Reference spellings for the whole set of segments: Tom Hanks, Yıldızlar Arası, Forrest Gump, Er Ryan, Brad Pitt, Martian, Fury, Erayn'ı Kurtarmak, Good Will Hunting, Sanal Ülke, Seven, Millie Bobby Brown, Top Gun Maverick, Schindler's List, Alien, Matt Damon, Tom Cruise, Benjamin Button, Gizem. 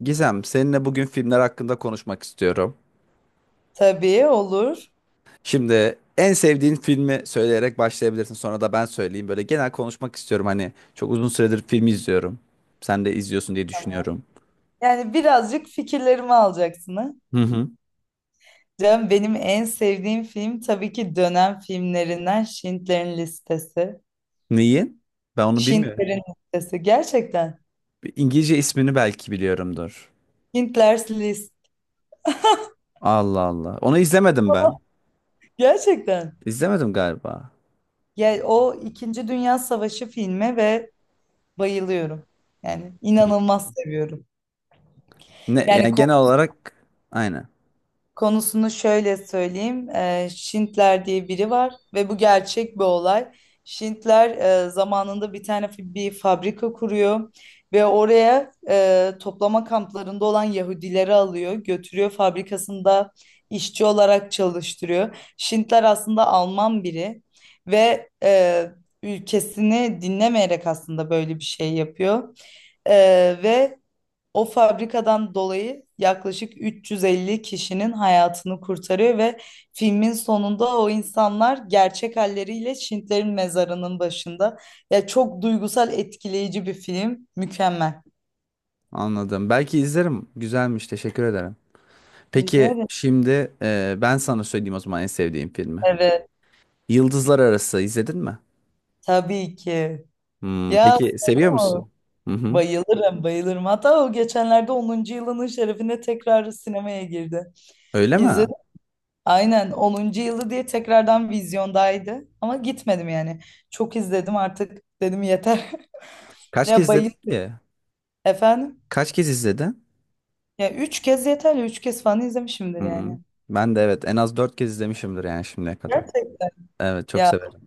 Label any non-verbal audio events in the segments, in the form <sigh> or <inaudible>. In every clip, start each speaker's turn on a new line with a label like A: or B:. A: Gizem, seninle bugün filmler hakkında konuşmak istiyorum.
B: Tabii olur.
A: Şimdi en sevdiğin filmi söyleyerek başlayabilirsin. Sonra da ben söyleyeyim. Böyle genel konuşmak istiyorum. Hani çok uzun süredir film izliyorum. Sen de izliyorsun diye düşünüyorum.
B: Yani birazcık fikirlerimi alacaksın ha.
A: Hı hı.
B: Canım benim en sevdiğim film tabii ki dönem filmlerinden Schindler'in Listesi.
A: Neyi? Ben onu bilmiyorum.
B: Schindler'in Listesi gerçekten.
A: Bir İngilizce ismini belki biliyorumdur.
B: Schindler's List
A: Allah Allah. Onu izlemedim ben.
B: gerçekten.
A: İzlemedim galiba.
B: Yani o İkinci Dünya Savaşı filmi ve bayılıyorum. Yani
A: Hı.
B: inanılmaz seviyorum.
A: Ne?
B: Yani
A: Yani genel olarak aynen.
B: konusunu şöyle söyleyeyim. Şintler diye biri var ve bu gerçek bir olay. Şintler, zamanında bir tane bir fabrika kuruyor ve oraya, toplama kamplarında olan Yahudileri alıyor, götürüyor fabrikasında işçi olarak çalıştırıyor. Şintler aslında Alman biri ve, ülkesini dinlemeyerek aslında böyle bir şey yapıyor. Ve o fabrikadan dolayı yaklaşık 350 kişinin hayatını kurtarıyor ve filmin sonunda o insanlar gerçek halleriyle Şintlerin mezarının başında. Ya çok duygusal, etkileyici bir film. Mükemmel.
A: Anladım. Belki izlerim. Güzelmiş. Teşekkür ederim. Peki
B: Güzel mi?
A: şimdi ben sana söyleyeyim o zaman en sevdiğim filmi.
B: Evet,
A: Yıldızlar Arası izledin mi?
B: tabii ki.
A: Hmm,
B: Ya
A: peki seviyor
B: sorma.
A: musun? Hı hı.
B: Bayılırım, bayılırım. Hatta o geçenlerde onuncu yılının şerefine tekrar sinemaya girdi.
A: Öyle mi?
B: İzledim. Aynen onuncu yılı diye tekrardan vizyondaydı. Ama gitmedim yani. Çok izledim artık dedim yeter. <laughs>
A: Kaç kez
B: Ya
A: izledin ki?
B: efendim.
A: Kaç kez izledin?
B: Ya üç kez yeterli. Üç kez falan izlemişimdir
A: Hmm,
B: yani.
A: ben de evet en az 4 kez izlemişimdir yani şimdiye kadar.
B: Gerçekten.
A: Evet, çok
B: Ya
A: severim.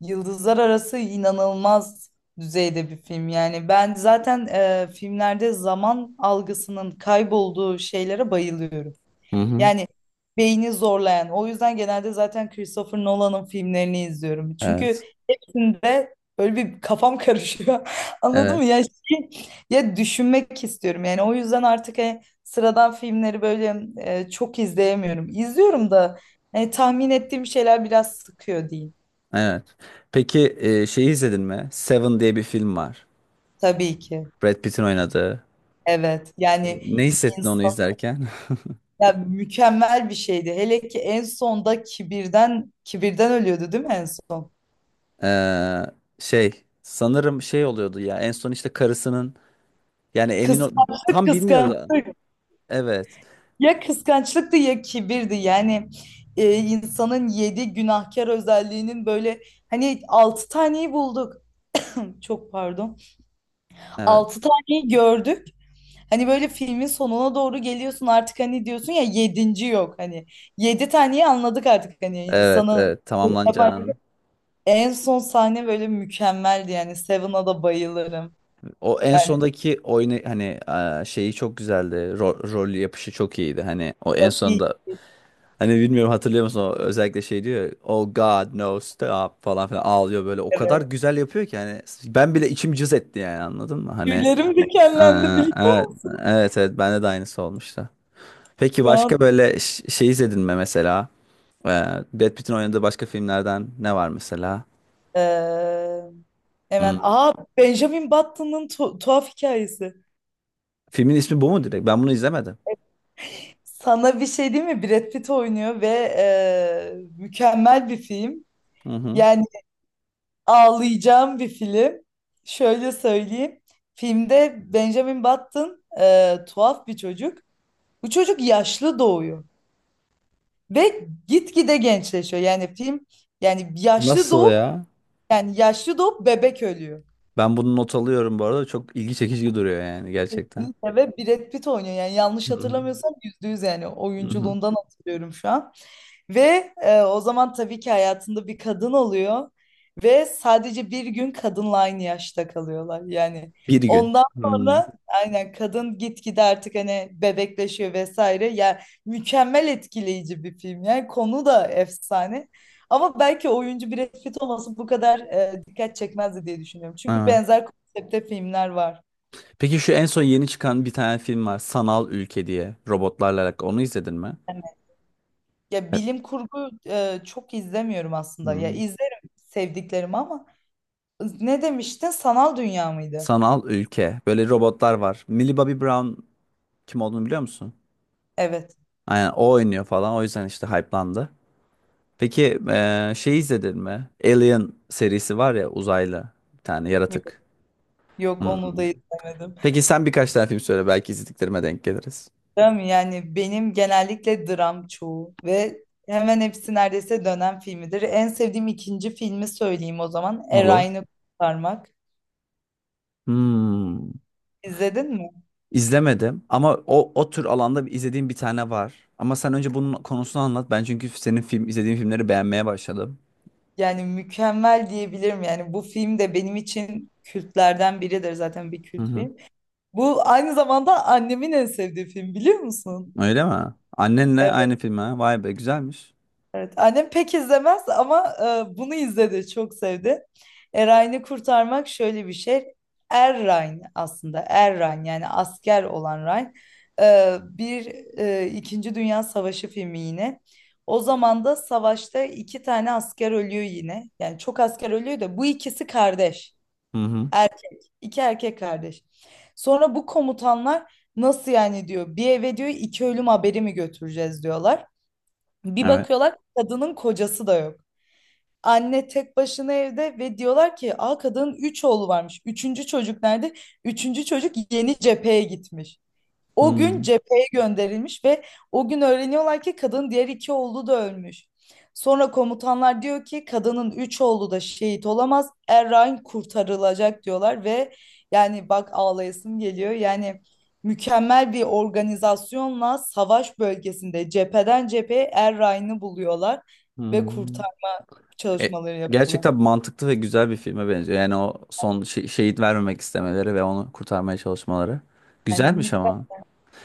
B: Yıldızlar Arası inanılmaz düzeyde bir film. Yani ben zaten, filmlerde zaman algısının kaybolduğu şeylere bayılıyorum.
A: Hı hı.
B: Yani beyni zorlayan. O yüzden genelde zaten Christopher Nolan'ın filmlerini izliyorum. Çünkü
A: Evet.
B: içinde böyle bir kafam karışıyor. <laughs> Anladın mı?
A: Evet.
B: Ya şey, ya düşünmek istiyorum. Yani o yüzden artık, sıradan filmleri böyle, çok izleyemiyorum. İzliyorum da, tahmin ettiğim şeyler biraz sıkıyor diyeyim.
A: Evet. Peki şeyi izledin mi? Seven diye bir film var.
B: Tabii ki.
A: Brad Pitt'in oynadığı.
B: Evet. Yani
A: Ne hissettin onu
B: insan
A: izlerken? <laughs>
B: ya mükemmel bir şeydi. Hele ki en sonda kibirden kibirden ölüyordu değil mi en son?
A: Ee, Şey sanırım şey oluyordu ya en son işte karısının, yani emin ol
B: Kıskançlık
A: tam bilmiyoruz.
B: kıskançlık.
A: Evet.
B: Ya kıskançlıktı ya kibirdi yani, insanın yedi günahkar özelliğinin böyle hani altı taneyi bulduk, çok pardon,
A: Evet.
B: altı taneyi gördük, hani böyle filmin sonuna doğru geliyorsun artık hani diyorsun ya yedinci yok hani, yedi taneyi anladık artık hani
A: Evet,
B: insanı
A: evet
B: yapan
A: tamamlanacağını.
B: en son sahne böyle mükemmeldi yani Seven'a da bayılırım
A: O en
B: yani,
A: sondaki oyunu hani şeyi çok güzeldi. Rol yapışı çok iyiydi. Hani o en
B: tabii,
A: sonda, hani bilmiyorum, hatırlıyor musun? O, özellikle şey diyor. Ya, Oh God no stop falan filan, ağlıyor böyle. O kadar
B: evet.
A: güzel yapıyor ki, hani ben bile içim cız etti, yani anladın mı?
B: Tüylerim
A: E,
B: dikenlendi biliyor
A: evet,
B: musun
A: evet evet bende de aynısı olmuştu. Peki
B: şu an.
A: başka böyle şey izledin mi mesela? E, Brad Pitt'in oynadığı başka filmlerden ne var mesela?
B: Ee, Hemen.
A: Hmm.
B: Aa, Benjamin Button'ın tuhaf hikayesi.
A: Filmin ismi bu mu direkt? Ben bunu izlemedim.
B: Sana bir şey değil mi? Brad Pitt oynuyor ve e, mükemmel bir film.
A: Hı hı.
B: Yani ağlayacağım bir film. Şöyle söyleyeyim. Filmde Benjamin Button, tuhaf bir çocuk. Bu çocuk yaşlı doğuyor ve gitgide gençleşiyor. Yani film, yani yaşlı
A: Nasıl
B: doğup
A: ya?
B: yani yaşlı doğup bebek ölüyor.
A: Ben bunu not alıyorum bu arada. Çok ilgi çekici duruyor yani gerçekten.
B: Kesinlikle, ve Brad Pitt oynuyor yani yanlış
A: Hı hı.
B: hatırlamıyorsam yüzde yüz, yani
A: Hı hı.
B: oyunculuğundan hatırlıyorum şu an. Ve, o zaman tabii ki hayatında bir kadın oluyor ve sadece bir gün kadınla aynı yaşta kalıyorlar yani.
A: Bir gün.
B: Ondan
A: Hmm.
B: sonra aynen kadın gitgide artık hani bebekleşiyor vesaire. Ya mükemmel, etkileyici bir film, yani konu da efsane. Ama belki oyuncu Brad Pitt olması bu kadar, dikkat çekmezdi diye düşünüyorum. Çünkü
A: Evet.
B: benzer konsepte filmler var.
A: Peki şu en son yeni çıkan bir tane film var. Sanal Ülke diye. Robotlarla alakalı. Onu izledin mi?
B: Ya
A: Evet.
B: bilim kurgu, çok izlemiyorum aslında. Ya
A: Hmm.
B: izlerim sevdiklerimi ama ne demiştin? Sanal dünya mıydı?
A: Sanal Ülke. Böyle robotlar var. Millie Bobby Brown, kim olduğunu biliyor musun?
B: Evet.
A: Aynen, o oynuyor falan. O yüzden işte hype'landı. Peki şey izledin mi? Alien serisi var ya, uzaylı. Bir tane
B: Yok,
A: yaratık.
B: yok
A: Hmm.
B: onu da izlemedim.
A: Peki sen birkaç tane film söyle, belki izlediklerime denk geliriz.
B: Değil mi? Yani benim genellikle dram çoğu ve hemen hepsi neredeyse dönem filmidir. En sevdiğim ikinci filmi söyleyeyim o zaman.
A: Olur.
B: Erayn'ı Kurtarmak.
A: Hmm.
B: İzledin mi?
A: İzlemedim ama o o tür alanda izlediğim bir tane var. Ama sen önce bunun konusunu anlat. Ben çünkü senin film izlediğin filmleri beğenmeye başladım.
B: Yani mükemmel diyebilirim. Yani bu film de benim için kültlerden biridir, zaten bir
A: Hı
B: kült
A: hı.
B: film. Bu aynı zamanda annemin en sevdiği film biliyor musun?
A: Öyle mi? Annenle aynı film ha. Vay be, güzelmiş.
B: Evet, annem pek izlemez ama, bunu izledi, çok sevdi. Erayn'ı kurtarmak şöyle bir şey. Er Ryan aslında, Er Ryan, yani asker olan Ryan. Bir, İkinci Dünya Savaşı filmi yine. O zaman da savaşta iki tane asker ölüyor yine. Yani çok asker ölüyor da bu ikisi kardeş.
A: Hı hı.
B: Er, iki erkek kardeş. Sonra bu komutanlar nasıl yani diyor. Bir eve diyor iki ölüm haberi mi götüreceğiz diyorlar. Bir
A: Evet.
B: bakıyorlar kadının kocası da yok. Anne tek başına evde ve diyorlar ki, "Aa, kadının 3 oğlu varmış. Üçüncü çocuk nerede?" Üçüncü çocuk yeni cepheye gitmiş. O gün
A: Hmm.
B: cepheye gönderilmiş ve o gün öğreniyorlar ki kadının diğer iki oğlu da ölmüş. Sonra komutanlar diyor ki kadının üç oğlu da şehit olamaz. Errain kurtarılacak diyorlar ve, yani bak ağlayasım geliyor. Yani mükemmel bir organizasyonla savaş bölgesinde cepheden cepheye Errain'i buluyorlar ve
A: Hmm.
B: kurtarma
A: E,
B: çalışmaları yapıyorlar.
A: Gerçekten mantıklı ve güzel bir filme benziyor. Yani o son şehit vermemek istemeleri ve onu kurtarmaya çalışmaları.
B: Yani
A: Güzelmiş
B: mükemmel
A: ama.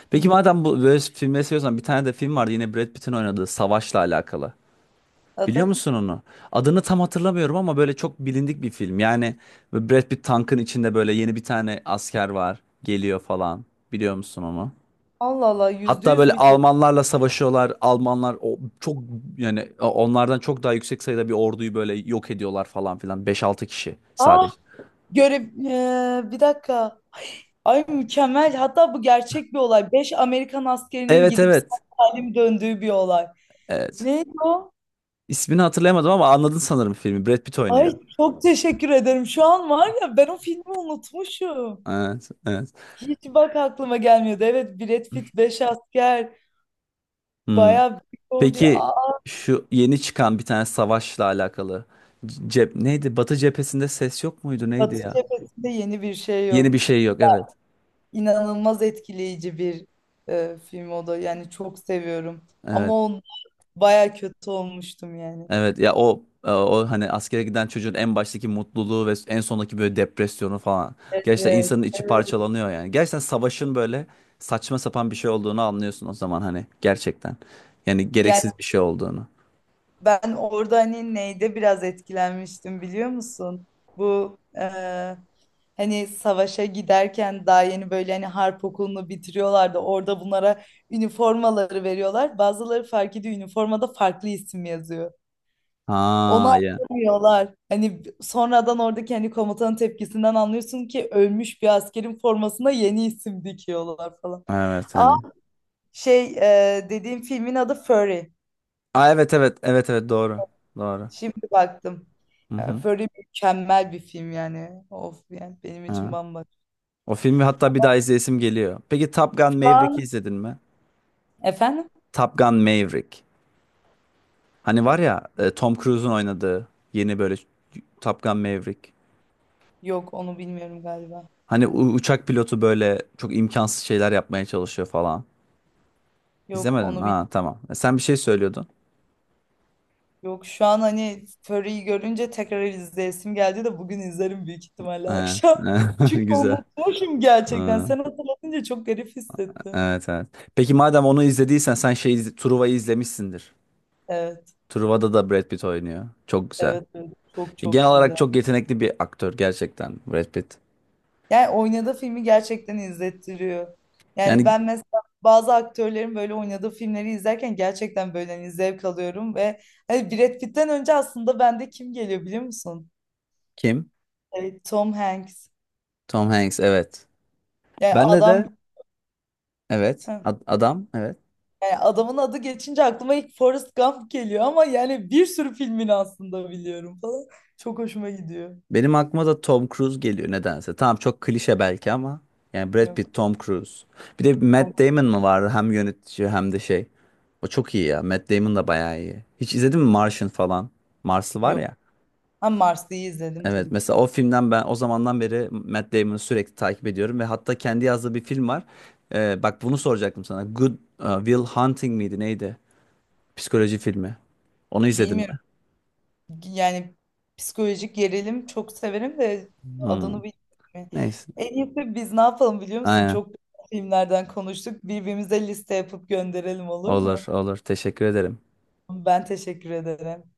A: Peki madem bu böyle filmleri seviyorsan, bir tane de film vardı yine Brad Pitt'in oynadığı Savaş'la alakalı. Biliyor
B: adı.
A: musun onu? Adını tam hatırlamıyorum ama böyle çok bilindik bir film. Yani böyle Brad Pitt tankın içinde, böyle yeni bir tane asker var, geliyor falan. Biliyor musun onu?
B: Allah Allah, yüzde
A: Hatta
B: yüz
A: böyle
B: biliyor.
A: Almanlarla savaşıyorlar. Almanlar o çok, yani onlardan çok daha yüksek sayıda bir orduyu böyle yok ediyorlar falan filan. Beş altı kişi
B: Ah,
A: sadece.
B: görev, bir dakika. Ay mükemmel. Hatta bu gerçek bir olay. Beş Amerikan askerinin
A: Evet,
B: gidip sağ
A: evet.
B: salim döndüğü bir olay.
A: Evet.
B: Neydi o?
A: İsmini hatırlayamadım ama anladın sanırım filmi. Brad Pitt oynuyor.
B: Ay çok teşekkür ederim. Şu an var ya, ben o filmi unutmuşum.
A: Evet, evet.
B: Hiç bak aklıma gelmiyordu. Evet, Brad Pitt, beş asker.
A: Hmm.
B: Bayağı büyük ordu.
A: Peki
B: Aa,
A: şu yeni çıkan bir tane savaşla alakalı, cep neydi? Batı cephesinde ses yok muydu? Neydi
B: Batı
A: ya?
B: cephesinde yeni bir şey
A: Yeni
B: yok.
A: bir şey yok. Evet.
B: İnanılmaz etkileyici bir, film o da. Yani çok seviyorum. Ama
A: Evet.
B: o bayağı kötü olmuştum yani.
A: Evet. Ya o o hani askere giden çocuğun en baştaki mutluluğu ve en sondaki böyle depresyonu falan.
B: Evet.
A: Gerçekten insanın içi
B: Evet.
A: parçalanıyor yani. Gerçekten savaşın böyle saçma sapan bir şey olduğunu anlıyorsun o zaman, hani gerçekten. Yani
B: Yani
A: gereksiz bir şey olduğunu.
B: ben orada hani neyde biraz etkilenmiştim biliyor musun? Bu, hani savaşa giderken daha yeni böyle hani harp okulunu bitiriyorlardı. Orada bunlara üniformaları veriyorlar. Bazıları fark ediyor üniformada farklı isim yazıyor. Onu
A: Ha ya.
B: anlamıyorlar. Hani sonradan oradaki hani komutanın tepkisinden anlıyorsun ki ölmüş bir askerin formasına yeni isim dikiyorlar falan.
A: Evet,
B: Aa,
A: hani.
B: şey, dediğim filmin adı Fury.
A: Aa, evet evet evet evet, doğru. Doğru.
B: Şimdi baktım.
A: Hı
B: Yani
A: hı.
B: Fury mükemmel bir film yani. Of, yani benim için
A: Evet.
B: bambaşka.
A: O filmi hatta bir daha izleyesim geliyor. Peki Top Gun
B: Şu an
A: Maverick'i izledin mi?
B: efendim?
A: Top Gun Maverick. Hani var ya Tom Cruise'un oynadığı, yeni böyle Top Gun Maverick.
B: Yok onu bilmiyorum galiba.
A: Hani uçak pilotu böyle çok imkansız şeyler yapmaya çalışıyor falan.
B: Yok
A: İzlemedim.
B: onu bil
A: Ha, tamam. E, sen bir şey söylüyordun.
B: Yok şu an hani Fury'yi görünce tekrar izleyesim geldi de bugün izlerim büyük ihtimalle
A: Evet.
B: akşam. <laughs>
A: <laughs>
B: Çünkü
A: Güzel.
B: unutmuşum gerçekten.
A: Ha,
B: Sen hatırlatınca çok garip hissettim.
A: evet evet. Peki madem onu izlediysen, sen Truva'yı izlemişsindir.
B: Evet,
A: Truva'da da Brad Pitt oynuyor. Çok güzel.
B: evet, evet. Çok
A: E,
B: çok
A: genel
B: güzel.
A: olarak çok yetenekli bir aktör gerçekten Brad Pitt.
B: Yani oynadığı filmi gerçekten izlettiriyor. Yani
A: Yani
B: ben mesela bazı aktörlerin böyle oynadığı filmleri izlerken gerçekten böyle hani zevk alıyorum ve hani Brad Pitt'ten önce aslında bende kim geliyor biliyor musun?
A: kim?
B: Evet, Tom Hanks.
A: Tom Hanks, evet.
B: Yani
A: Bende
B: adam.
A: de evet
B: Heh.
A: adam evet.
B: Yani adamın adı geçince aklıma ilk Forrest Gump geliyor ama yani bir sürü filmini aslında biliyorum falan. Çok hoşuma gidiyor.
A: Benim aklıma da Tom Cruise geliyor nedense. Tamam, çok klişe belki ama yani Brad
B: Yok.
A: Pitt, Tom Cruise. Bir de
B: Tom-
A: Matt Damon mı vardı, hem yönetici hem de şey. O çok iyi ya. Matt Damon da bayağı iyi. Hiç izledin mi Martian falan? Marslı var
B: Yok.
A: ya.
B: Ha, Mars'ı izledim
A: Evet,
B: tabii ki.
A: mesela o filmden ben o zamandan beri Matt Damon'ı sürekli takip ediyorum ve hatta kendi yazdığı bir film var. Bak bunu soracaktım sana. Good Will Hunting miydi neydi? Psikoloji filmi. Onu izledim mi?
B: Bilmiyorum. Yani psikolojik gerilim çok severim de
A: Hmm.
B: adını bilmiyorum.
A: Neyse.
B: En iyisi biz ne yapalım biliyor musun?
A: Aynen.
B: Çok güzel filmlerden konuştuk. Birbirimize liste yapıp gönderelim olur
A: Olur,
B: mu?
A: olur. Teşekkür ederim.
B: Ben teşekkür ederim.